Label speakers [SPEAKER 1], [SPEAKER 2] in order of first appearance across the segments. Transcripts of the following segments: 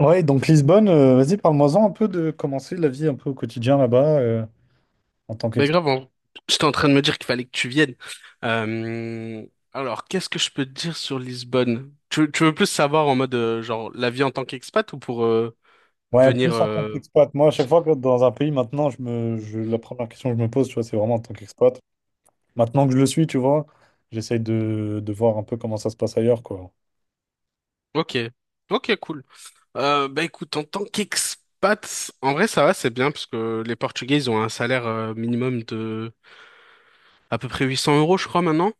[SPEAKER 1] Ouais, donc Lisbonne, vas-y, parle-moi-en un peu de commencer la vie un peu au quotidien là-bas en tant
[SPEAKER 2] Mais
[SPEAKER 1] qu'expat.
[SPEAKER 2] grave, j'étais en train de me dire qu'il fallait que tu viennes. Euh, alors, qu'est-ce que je peux te dire sur Lisbonne? Tu veux plus savoir en mode, genre, la vie en tant qu'expat ou pour
[SPEAKER 1] Ouais,
[SPEAKER 2] venir...
[SPEAKER 1] plus en tant
[SPEAKER 2] euh,
[SPEAKER 1] qu'expat. Moi, à chaque fois que dans un pays, maintenant, la première question que je me pose, tu vois, c'est vraiment en tant qu'expat. Maintenant que je le suis, tu vois, j'essaye de voir un peu comment ça se passe ailleurs, quoi.
[SPEAKER 2] Ok, ok, cool. Bah écoute, en tant qu'expat, en vrai, ça va, c'est bien, parce que les Portugais, ils ont un salaire minimum de à peu près 800 euros, je crois, maintenant.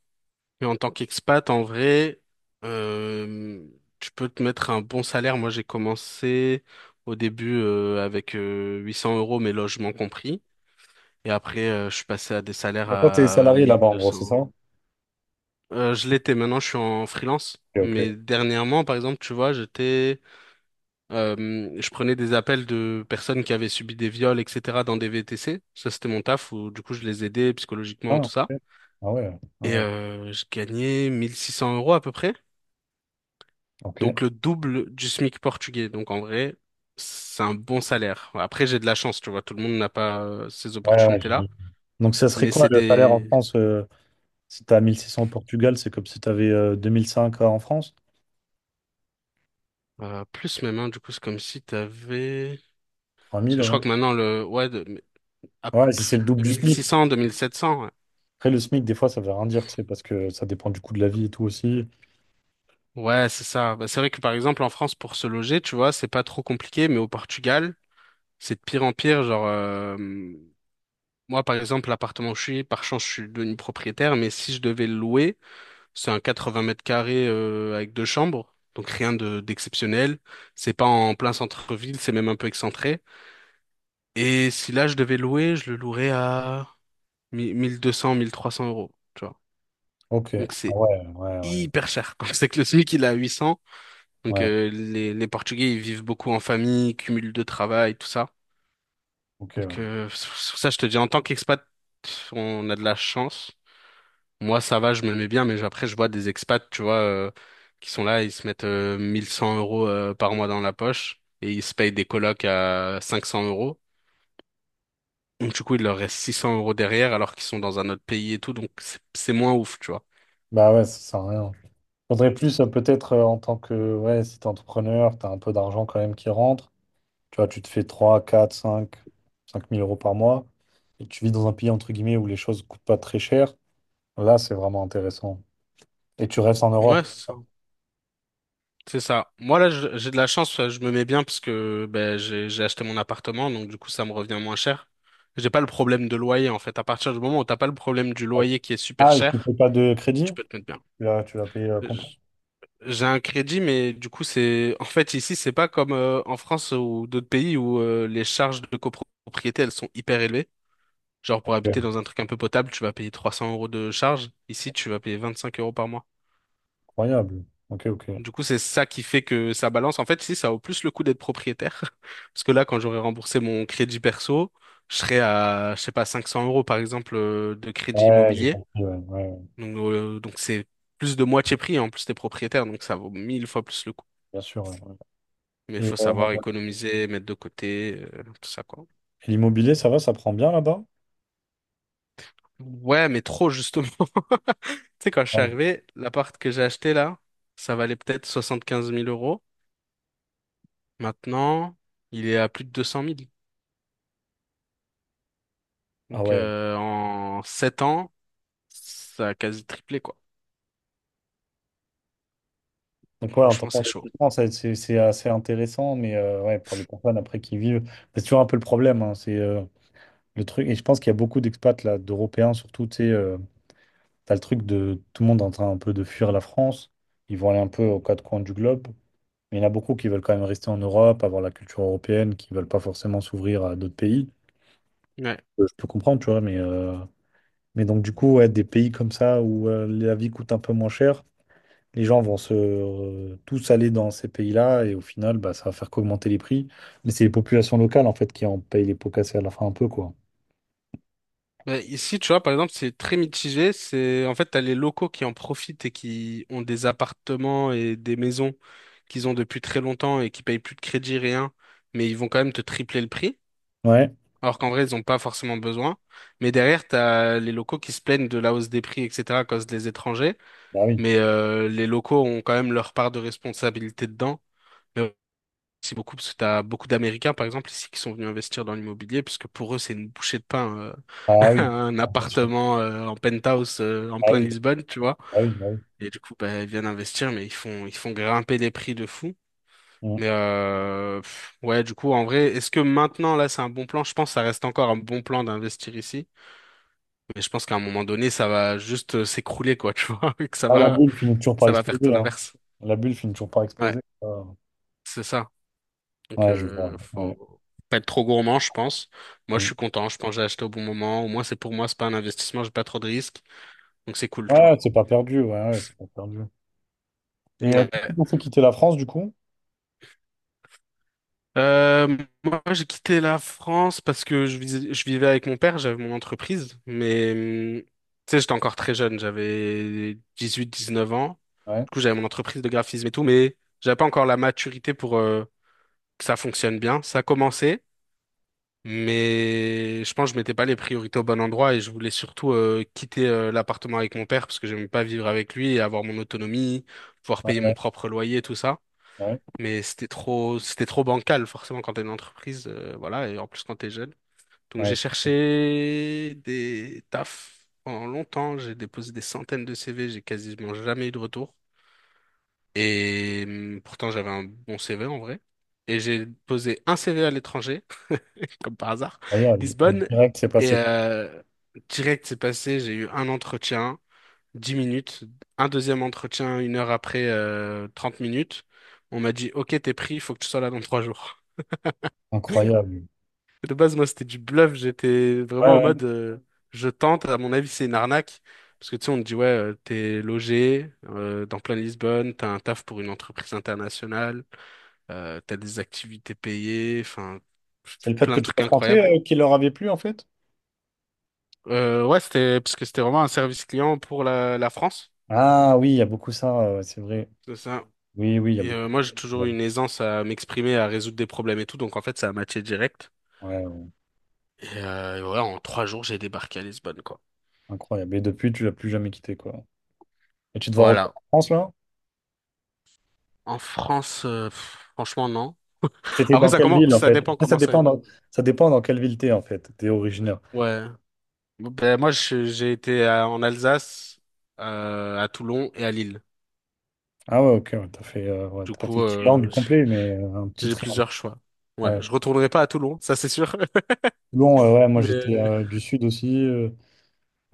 [SPEAKER 2] Et en tant qu'expat, en vrai, euh, tu peux te mettre un bon salaire. Moi, j'ai commencé au début avec 800 euros, mes logements compris. Et après, je suis passé à des salaires
[SPEAKER 1] Donc, toi, t'es
[SPEAKER 2] à
[SPEAKER 1] salarié là-bas, en
[SPEAKER 2] 1200
[SPEAKER 1] gros, c'est ça?
[SPEAKER 2] euros.
[SPEAKER 1] Ok,
[SPEAKER 2] Je l'étais, maintenant, je suis en freelance.
[SPEAKER 1] ok.
[SPEAKER 2] Mais dernièrement, par exemple, tu vois, je prenais des appels de personnes qui avaient subi des viols, etc., dans des VTC. Ça, c'était mon taf où, du coup, je les aidais psychologiquement,
[SPEAKER 1] Ah,
[SPEAKER 2] tout
[SPEAKER 1] ok.
[SPEAKER 2] ça.
[SPEAKER 1] Ah ouais. Ah
[SPEAKER 2] Et
[SPEAKER 1] ouais.
[SPEAKER 2] je gagnais 1600 € à peu près.
[SPEAKER 1] Ok. Ouais,
[SPEAKER 2] Donc le double du SMIC portugais. Donc en vrai, c'est un bon salaire. Après, j'ai de la chance, tu vois, tout le monde n'a pas ces
[SPEAKER 1] ouais, ouais,
[SPEAKER 2] opportunités-là,
[SPEAKER 1] j'imagine. Donc, ça serait
[SPEAKER 2] mais
[SPEAKER 1] quoi
[SPEAKER 2] c'est
[SPEAKER 1] le salaire en
[SPEAKER 2] des
[SPEAKER 1] France si tu as 1600 au Portugal, c'est comme si tu avais 2005 en France?
[SPEAKER 2] plus même, hein, du coup, c'est comme si tu avais
[SPEAKER 1] Trois
[SPEAKER 2] parce
[SPEAKER 1] mille
[SPEAKER 2] que je crois
[SPEAKER 1] ouais.
[SPEAKER 2] que maintenant le ouais de, à
[SPEAKER 1] Ouais, si c'est le double du SMIC.
[SPEAKER 2] 2600, 2700. Ouais,
[SPEAKER 1] Après, le SMIC, des fois, ça veut rien dire, tu sais, parce que ça dépend du coût de la vie et tout aussi.
[SPEAKER 2] ouais, c'est ça. Bah, c'est vrai que par exemple en France pour se loger, tu vois, c'est pas trop compliqué, mais au Portugal, c'est de pire en pire, genre Moi, par exemple, l'appartement où je suis, par chance, je suis devenu propriétaire, mais si je devais le louer, c'est un 80 mètres carrés avec deux chambres, donc rien de d'exceptionnel. C'est pas en plein centre-ville, c'est même un peu excentré. Et si là je devais louer, je le louerais à 1000 1200, 1300 euros, tu vois.
[SPEAKER 1] Ok.
[SPEAKER 2] Donc
[SPEAKER 1] Ah
[SPEAKER 2] c'est
[SPEAKER 1] ouais, ouais, ouais.
[SPEAKER 2] hyper cher. Quand c'est que le SMIC il est à 800, donc
[SPEAKER 1] Ouais,
[SPEAKER 2] les Portugais ils vivent beaucoup en famille, cumul de travail, tout ça.
[SPEAKER 1] ok.
[SPEAKER 2] Donc
[SPEAKER 1] Ouais.
[SPEAKER 2] sur ça je te dis, en tant qu'expat, on a de la chance. Moi, ça va, je me mets bien, mais après, je vois des expats, tu vois, qui sont là, ils se mettent 1100 € par mois dans la poche et ils se payent des colocs à 500 euros. Donc, du coup, il leur reste 600 € derrière alors qu'ils sont dans un autre pays et tout, donc c'est moins ouf, tu vois.
[SPEAKER 1] Bah ouais, ça sert à rien. Faudrait plus, peut-être, en tant que, ouais, si t'es entrepreneur, t'as un peu d'argent quand même qui rentre. Tu vois, tu te fais trois quatre cinq mille euros par mois et tu vis dans un pays, entre guillemets, où les choses coûtent pas très cher. Là, c'est vraiment intéressant. Et tu restes en Europe.
[SPEAKER 2] Ouais, c'est ça. C'est ça. Moi, là, j'ai de la chance, je me mets bien parce que ben, j'ai acheté mon appartement, donc du coup, ça me revient moins cher. J'ai pas le problème de loyer, en fait. À partir du moment où t'as pas le problème du loyer qui est super
[SPEAKER 1] Ah, et tu ne
[SPEAKER 2] cher,
[SPEAKER 1] payes pas de
[SPEAKER 2] tu
[SPEAKER 1] crédit?
[SPEAKER 2] peux te mettre
[SPEAKER 1] Tu l'as payé
[SPEAKER 2] bien.
[SPEAKER 1] comptant.
[SPEAKER 2] J'ai un crédit, mais du coup, c'est en fait ici, c'est pas comme en France ou d'autres pays où les charges de copropriété elles sont hyper élevées. Genre pour
[SPEAKER 1] Ok.
[SPEAKER 2] habiter dans un truc un peu potable, tu vas payer 300 € de charges. Ici, tu vas payer 25 € par mois.
[SPEAKER 1] Incroyable. Ok, ok.
[SPEAKER 2] Du coup, c'est ça qui fait que ça balance. En fait, ici, ça vaut plus le coup d'être propriétaire. Parce que là, quand j'aurai remboursé mon crédit perso, je serai à, je sais pas, 500 € par exemple de crédit
[SPEAKER 1] Ouais, j'ai
[SPEAKER 2] immobilier.
[SPEAKER 1] compris. Ouais, ouais, ouais.
[SPEAKER 2] Donc c'est plus de moitié prix. En plus, t'es propriétaire, donc ça vaut mille fois plus le coup.
[SPEAKER 1] Bien sûr. Ouais, ouais.
[SPEAKER 2] Mais il
[SPEAKER 1] Et,
[SPEAKER 2] faut
[SPEAKER 1] euh,
[SPEAKER 2] savoir économiser, mettre de côté, tout ça, quoi.
[SPEAKER 1] et l'immobilier, ça va, ça prend bien là-bas?
[SPEAKER 2] Ouais, mais trop, justement. Tu sais, quand je suis
[SPEAKER 1] Ouais.
[SPEAKER 2] arrivé, l'appart que j'ai acheté, là, ça valait peut-être soixante quinze mille euros. Maintenant, il est à plus de 200 000.
[SPEAKER 1] Ah
[SPEAKER 2] Donc,
[SPEAKER 1] ouais.
[SPEAKER 2] en 7 ans, ça a quasi triplé, quoi.
[SPEAKER 1] Donc ouais, en tant
[SPEAKER 2] Franchement, c'est chaud.
[SPEAKER 1] qu'investissement, c'est assez intéressant, mais ouais, pour les personnes après qui vivent, c'est toujours un peu le problème, hein. C'est Le truc, et je pense qu'il y a beaucoup d'expats là, d'Européens surtout, tu sais, t'as le truc de tout le monde est en train un peu de fuir la France. Ils vont aller un peu aux quatre coins du globe. Mais il y en a beaucoup qui veulent quand même rester en Europe, avoir la culture européenne, qui veulent pas forcément s'ouvrir à d'autres pays.
[SPEAKER 2] Ouais.
[SPEAKER 1] Je peux comprendre, tu vois, mais donc du coup, ouais, des pays comme ça où la vie coûte un peu moins cher, les gens vont se tous aller dans ces pays-là et au final, bah, ça va faire qu'augmenter les prix. Mais c'est les populations locales en fait qui en payent les pots cassés à la fin un peu, quoi.
[SPEAKER 2] Ben, ici, tu vois, par exemple, c'est très mitigé. C'est en fait, t'as les locaux qui en profitent et qui ont des appartements et des maisons qu'ils ont depuis très longtemps et qui payent plus de crédit, rien, mais ils vont quand même te tripler le prix.
[SPEAKER 1] Ouais,
[SPEAKER 2] Alors qu'en vrai, ils n'ont pas forcément besoin. Mais derrière, t'as les locaux qui se plaignent de la hausse des prix, etc., à cause des étrangers.
[SPEAKER 1] bah oui.
[SPEAKER 2] Mais les locaux ont quand même leur part de responsabilité dedans. Mais aussi beaucoup, parce que t'as beaucoup d'Américains, par exemple, ici, qui sont venus investir dans l'immobilier, puisque pour eux, c'est une bouchée de pain.
[SPEAKER 1] Ah oui.
[SPEAKER 2] Un appartement en penthouse en
[SPEAKER 1] Ah
[SPEAKER 2] plein
[SPEAKER 1] oui,
[SPEAKER 2] Lisbonne, tu vois.
[SPEAKER 1] ah oui, bah oui.
[SPEAKER 2] Et du coup, bah, ils viennent investir, mais ils font grimper les prix de fou.
[SPEAKER 1] Mm.
[SPEAKER 2] Mais ouais, du coup, en vrai, est-ce que maintenant, là, c'est un bon plan? Je pense que ça reste encore un bon plan d'investir ici. Mais je pense qu'à un moment donné, ça va juste s'écrouler, quoi, tu vois, et que ça
[SPEAKER 1] Ah, la
[SPEAKER 2] va,
[SPEAKER 1] bulle finit toujours par
[SPEAKER 2] ça va faire tout
[SPEAKER 1] exploser, hein.
[SPEAKER 2] l'inverse.
[SPEAKER 1] La bulle finit toujours par
[SPEAKER 2] Ouais,
[SPEAKER 1] exploser. Ça.
[SPEAKER 2] c'est ça. Donc,
[SPEAKER 1] Ouais, je vois. Ouais.
[SPEAKER 2] faut pas être trop gourmand, je pense. Moi, je
[SPEAKER 1] Mm.
[SPEAKER 2] suis content. Je pense que j'ai acheté au bon moment. Au moins, c'est pour moi, c'est pas un investissement, j'ai pas trop de risques. Donc, c'est cool, tu vois.
[SPEAKER 1] Ouais, c'est pas perdu, ouais, ouais, c'est pas perdu. Et qu'est-ce qui
[SPEAKER 2] Ouais.
[SPEAKER 1] vous fait quitter la France, du coup?
[SPEAKER 2] Euh, moi, j'ai quitté la France parce que je vivais avec mon père, j'avais mon entreprise, mais tu sais, j'étais encore très jeune, j'avais 18, 19 ans.
[SPEAKER 1] Ouais,
[SPEAKER 2] Du coup, j'avais mon entreprise de graphisme et tout, mais j'avais pas encore la maturité pour que ça fonctionne bien. Ça commençait, mais je pense que je mettais pas les priorités au bon endroit et je voulais surtout quitter l'appartement avec mon père parce que j'aimais pas vivre avec lui et avoir mon autonomie, pouvoir
[SPEAKER 1] ouais,
[SPEAKER 2] payer mon
[SPEAKER 1] ouais,
[SPEAKER 2] propre loyer, tout ça.
[SPEAKER 1] ouais,
[SPEAKER 2] Mais c'était trop bancal, forcément, quand t'es une entreprise, voilà, et en plus quand t'es jeune. Donc
[SPEAKER 1] ouais,
[SPEAKER 2] j'ai
[SPEAKER 1] c'est
[SPEAKER 2] cherché des tafs pendant longtemps, j'ai déposé des centaines de CV, j'ai quasiment jamais eu de retour. Et pourtant j'avais un bon CV en vrai. Et j'ai posé un CV à l'étranger, comme par hasard,
[SPEAKER 1] incroyable. Et
[SPEAKER 2] Lisbonne.
[SPEAKER 1] direct, c'est
[SPEAKER 2] Et
[SPEAKER 1] passé.
[SPEAKER 2] direct c'est passé, j'ai eu un entretien, 10 minutes, un deuxième entretien une heure après, 30 minutes. On m'a dit, OK, t'es pris, il faut que tu sois là dans 3 jours.
[SPEAKER 1] Incroyable.
[SPEAKER 2] De base, moi, c'était du bluff. J'étais vraiment
[SPEAKER 1] Ouais,
[SPEAKER 2] en
[SPEAKER 1] ouais.
[SPEAKER 2] mode, je tente. À mon avis, c'est une arnaque. Parce que tu sais, on te dit, ouais, t'es logé dans plein Lisbonne, t'as un taf pour une entreprise internationale, t'as des activités payées, enfin,
[SPEAKER 1] C'est le fait
[SPEAKER 2] plein
[SPEAKER 1] que
[SPEAKER 2] de
[SPEAKER 1] tu
[SPEAKER 2] trucs
[SPEAKER 1] sois
[SPEAKER 2] incroyables.
[SPEAKER 1] français qui leur avait plu, en fait?
[SPEAKER 2] Ouais, c'était parce que c'était vraiment un service client pour la France.
[SPEAKER 1] Ah oui, il y a beaucoup ça, c'est vrai.
[SPEAKER 2] C'est ça.
[SPEAKER 1] Oui, oui, il y a
[SPEAKER 2] Et
[SPEAKER 1] beaucoup.
[SPEAKER 2] moi, j'ai toujours
[SPEAKER 1] Ouais,
[SPEAKER 2] eu une aisance à m'exprimer, à résoudre des problèmes et tout. Donc, en fait, ça a matché direct.
[SPEAKER 1] ouais,
[SPEAKER 2] Et ouais, en 3 jours, j'ai débarqué à Lisbonne, quoi.
[SPEAKER 1] incroyable. Et depuis, tu l'as plus jamais quitté, quoi. Et tu te vois retourner
[SPEAKER 2] Voilà.
[SPEAKER 1] en France, là?
[SPEAKER 2] En France, franchement, non.
[SPEAKER 1] C'était
[SPEAKER 2] Après,
[SPEAKER 1] dans
[SPEAKER 2] ça
[SPEAKER 1] quelle
[SPEAKER 2] commence,
[SPEAKER 1] ville en
[SPEAKER 2] ça
[SPEAKER 1] fait?
[SPEAKER 2] dépend
[SPEAKER 1] Ah, ça
[SPEAKER 2] comment ça
[SPEAKER 1] dépend
[SPEAKER 2] évolue.
[SPEAKER 1] dans, ça dépend dans quelle ville t'es en fait, t'es originaire.
[SPEAKER 2] Ouais. Ben, moi, j'ai été en Alsace, à Toulon et à Lille.
[SPEAKER 1] Ah ouais, ok, ouais, t'as fait, ouais,
[SPEAKER 2] Du
[SPEAKER 1] t'as pas fait
[SPEAKER 2] coup,
[SPEAKER 1] le triangle complet, mais un petit
[SPEAKER 2] j'ai
[SPEAKER 1] triangle.
[SPEAKER 2] plusieurs choix. Ouais,
[SPEAKER 1] Ouais.
[SPEAKER 2] je retournerai pas à Toulon, ça c'est sûr.
[SPEAKER 1] Toulon, ouais, moi
[SPEAKER 2] Mais
[SPEAKER 1] j'étais
[SPEAKER 2] euh,
[SPEAKER 1] du sud aussi,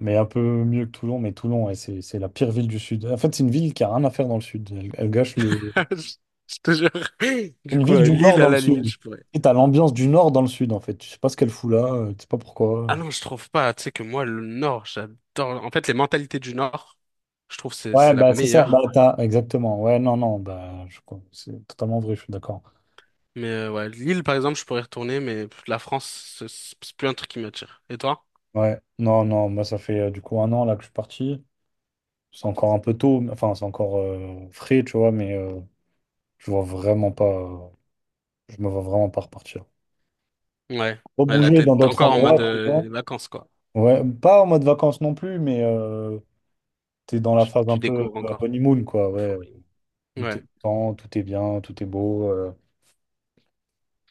[SPEAKER 1] mais un peu mieux que Toulon, mais Toulon, ouais, c'est la pire ville du sud. En fait, c'est une ville qui a rien à faire dans le sud. Elle, elle gâche le. C'est
[SPEAKER 2] je je te jure. Du
[SPEAKER 1] Une
[SPEAKER 2] coup,
[SPEAKER 1] ville du nord
[SPEAKER 2] Lille,
[SPEAKER 1] dans
[SPEAKER 2] à
[SPEAKER 1] le
[SPEAKER 2] la limite,
[SPEAKER 1] sud.
[SPEAKER 2] je pourrais.
[SPEAKER 1] Et t'as l'ambiance du nord dans le sud en fait. Tu sais pas ce qu'elle fout là, tu sais pas
[SPEAKER 2] Ah
[SPEAKER 1] pourquoi.
[SPEAKER 2] non, je trouve pas. Tu sais que moi, le Nord, j'adore. En fait, les mentalités du Nord, je trouve c'est
[SPEAKER 1] Ouais,
[SPEAKER 2] c'est la
[SPEAKER 1] bah c'est ça, bah
[SPEAKER 2] meilleure.
[SPEAKER 1] t'as exactement. Ouais, non, non, bah je c'est totalement vrai, je suis d'accord.
[SPEAKER 2] Mais ouais, Lille, par exemple, je pourrais retourner, mais la France, c'est plus un truc qui m'attire. Et toi?
[SPEAKER 1] Ouais, non, non, moi ça fait du coup un an là que je suis parti. C'est encore un peu tôt, enfin c'est encore frais, tu vois, mais je vois vraiment pas, je me vois vraiment pas repartir.
[SPEAKER 2] Ouais,
[SPEAKER 1] Faut
[SPEAKER 2] ouais, la
[SPEAKER 1] bouger dans
[SPEAKER 2] tête. T'es
[SPEAKER 1] d'autres
[SPEAKER 2] encore en mode
[SPEAKER 1] endroits, tu vois.
[SPEAKER 2] vacances, quoi.
[SPEAKER 1] Ouais, pas en mode vacances non plus, mais t'es dans la
[SPEAKER 2] Tu,
[SPEAKER 1] phase
[SPEAKER 2] tu
[SPEAKER 1] un peu
[SPEAKER 2] découvres encore
[SPEAKER 1] honeymoon, quoi, ouais.
[SPEAKER 2] l'euphorie.
[SPEAKER 1] Où
[SPEAKER 2] Ouais,
[SPEAKER 1] T'es content, tout est bien, tout est beau.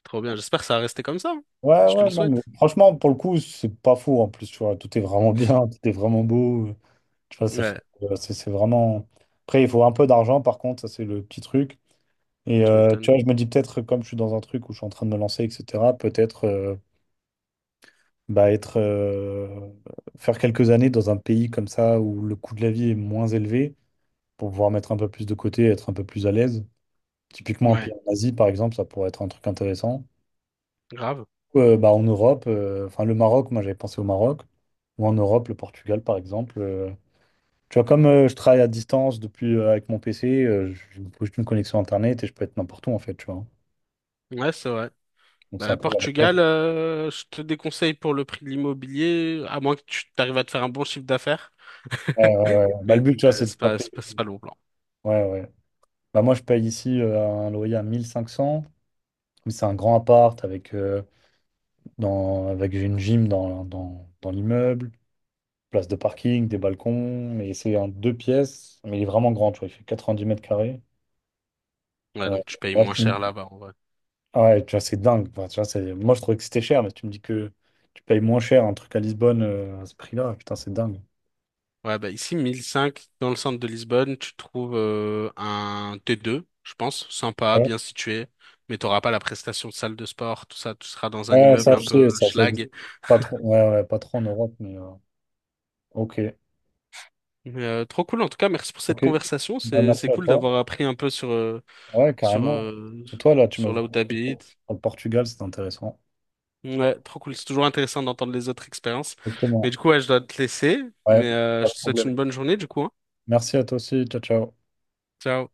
[SPEAKER 2] trop bien. J'espère que ça va rester comme ça, hein.
[SPEAKER 1] Ouais,
[SPEAKER 2] Je te le
[SPEAKER 1] ouais, non, mais
[SPEAKER 2] souhaite.
[SPEAKER 1] franchement, pour le coup, c'est pas fou en plus, tu vois. Tout est vraiment bien, tout est vraiment beau. Tu vois, ça fait,
[SPEAKER 2] Ouais,
[SPEAKER 1] c'est vraiment. Après, il faut un peu d'argent, par contre, ça c'est le petit truc. Et
[SPEAKER 2] tu
[SPEAKER 1] tu
[SPEAKER 2] m'étonnes.
[SPEAKER 1] vois, je me dis peut-être, comme je suis dans un truc où je suis en train de me lancer, etc., peut-être bah, être, faire quelques années dans un pays comme ça où le coût de la vie est moins élevé pour pouvoir mettre un peu plus de côté, être un peu plus à l'aise. Typiquement, un
[SPEAKER 2] Ouais,
[SPEAKER 1] pays en Asie, par exemple, ça pourrait être un truc intéressant.
[SPEAKER 2] grave.
[SPEAKER 1] Bah, en Europe, enfin le Maroc, moi j'avais pensé au Maroc, ou en Europe, le Portugal, par exemple. Tu vois, comme je travaille à distance depuis avec mon PC, je me pose une connexion Internet et je peux être n'importe où, en fait, tu vois.
[SPEAKER 2] Ouais, c'est vrai.
[SPEAKER 1] Donc c'est un
[SPEAKER 2] Bah,
[SPEAKER 1] peu la.
[SPEAKER 2] Portugal, je te déconseille pour le prix de l'immobilier, à moins que tu arrives à te faire un bon chiffre d'affaires.
[SPEAKER 1] Ouais, ouais, ouais. Bah, le
[SPEAKER 2] Mais
[SPEAKER 1] but, tu vois,
[SPEAKER 2] euh,
[SPEAKER 1] c'est de
[SPEAKER 2] c'est
[SPEAKER 1] pas
[SPEAKER 2] pas, c'est pas,
[SPEAKER 1] payer.
[SPEAKER 2] c'est pas le bon plan.
[SPEAKER 1] Ouais, ouais. Bah, moi, je paye ici un loyer à 1500. Mais c'est un grand appart avec, avec j'ai une gym dans l'immeuble, place de parking, des balcons. Mais c'est un deux pièces. Mais il est vraiment grand, tu vois. Il fait 90 m².
[SPEAKER 2] Ouais,
[SPEAKER 1] Euh,
[SPEAKER 2] donc tu payes
[SPEAKER 1] là,
[SPEAKER 2] moins
[SPEAKER 1] tu...
[SPEAKER 2] cher là-bas, en vrai.
[SPEAKER 1] Ouais, tu vois, c'est dingue, quoi. Tu vois, c'est... Moi, je trouvais que c'était cher, mais tu me dis que tu payes moins cher un truc à Lisbonne à ce prix-là. Putain, c'est dingue.
[SPEAKER 2] Ouais, bah ici, 1005, dans le centre de Lisbonne, tu trouves un T2, je pense, sympa,
[SPEAKER 1] Ouais,
[SPEAKER 2] bien situé, mais t'auras pas la prestation de salle de sport, tout ça, tu seras dans un
[SPEAKER 1] Ouais,
[SPEAKER 2] immeuble
[SPEAKER 1] ça,
[SPEAKER 2] un
[SPEAKER 1] je
[SPEAKER 2] peu
[SPEAKER 1] sais, ça existe
[SPEAKER 2] schlag.
[SPEAKER 1] pas trop. Ouais, ouais, pas trop en Europe, mais ok.
[SPEAKER 2] Mais, trop cool, en tout cas, merci pour cette
[SPEAKER 1] Ok.
[SPEAKER 2] conversation,
[SPEAKER 1] Bah,
[SPEAKER 2] c'est
[SPEAKER 1] merci
[SPEAKER 2] c'est
[SPEAKER 1] à
[SPEAKER 2] cool
[SPEAKER 1] toi.
[SPEAKER 2] d'avoir appris un peu
[SPEAKER 1] Ouais,
[SPEAKER 2] sur,
[SPEAKER 1] carrément.
[SPEAKER 2] euh,
[SPEAKER 1] Et toi, là, tu m'as
[SPEAKER 2] sur là où
[SPEAKER 1] conseillé
[SPEAKER 2] t'habites.
[SPEAKER 1] pour le Portugal, c'est intéressant.
[SPEAKER 2] Ouais, trop cool, c'est toujours intéressant d'entendre les autres expériences. Mais
[SPEAKER 1] Exactement.
[SPEAKER 2] du coup, ouais, je dois te laisser,
[SPEAKER 1] Ouais,
[SPEAKER 2] mais
[SPEAKER 1] pas
[SPEAKER 2] je
[SPEAKER 1] de
[SPEAKER 2] te souhaite
[SPEAKER 1] problème.
[SPEAKER 2] une bonne journée, du coup, hein.
[SPEAKER 1] Merci à toi aussi. Ciao, ciao.
[SPEAKER 2] Ciao.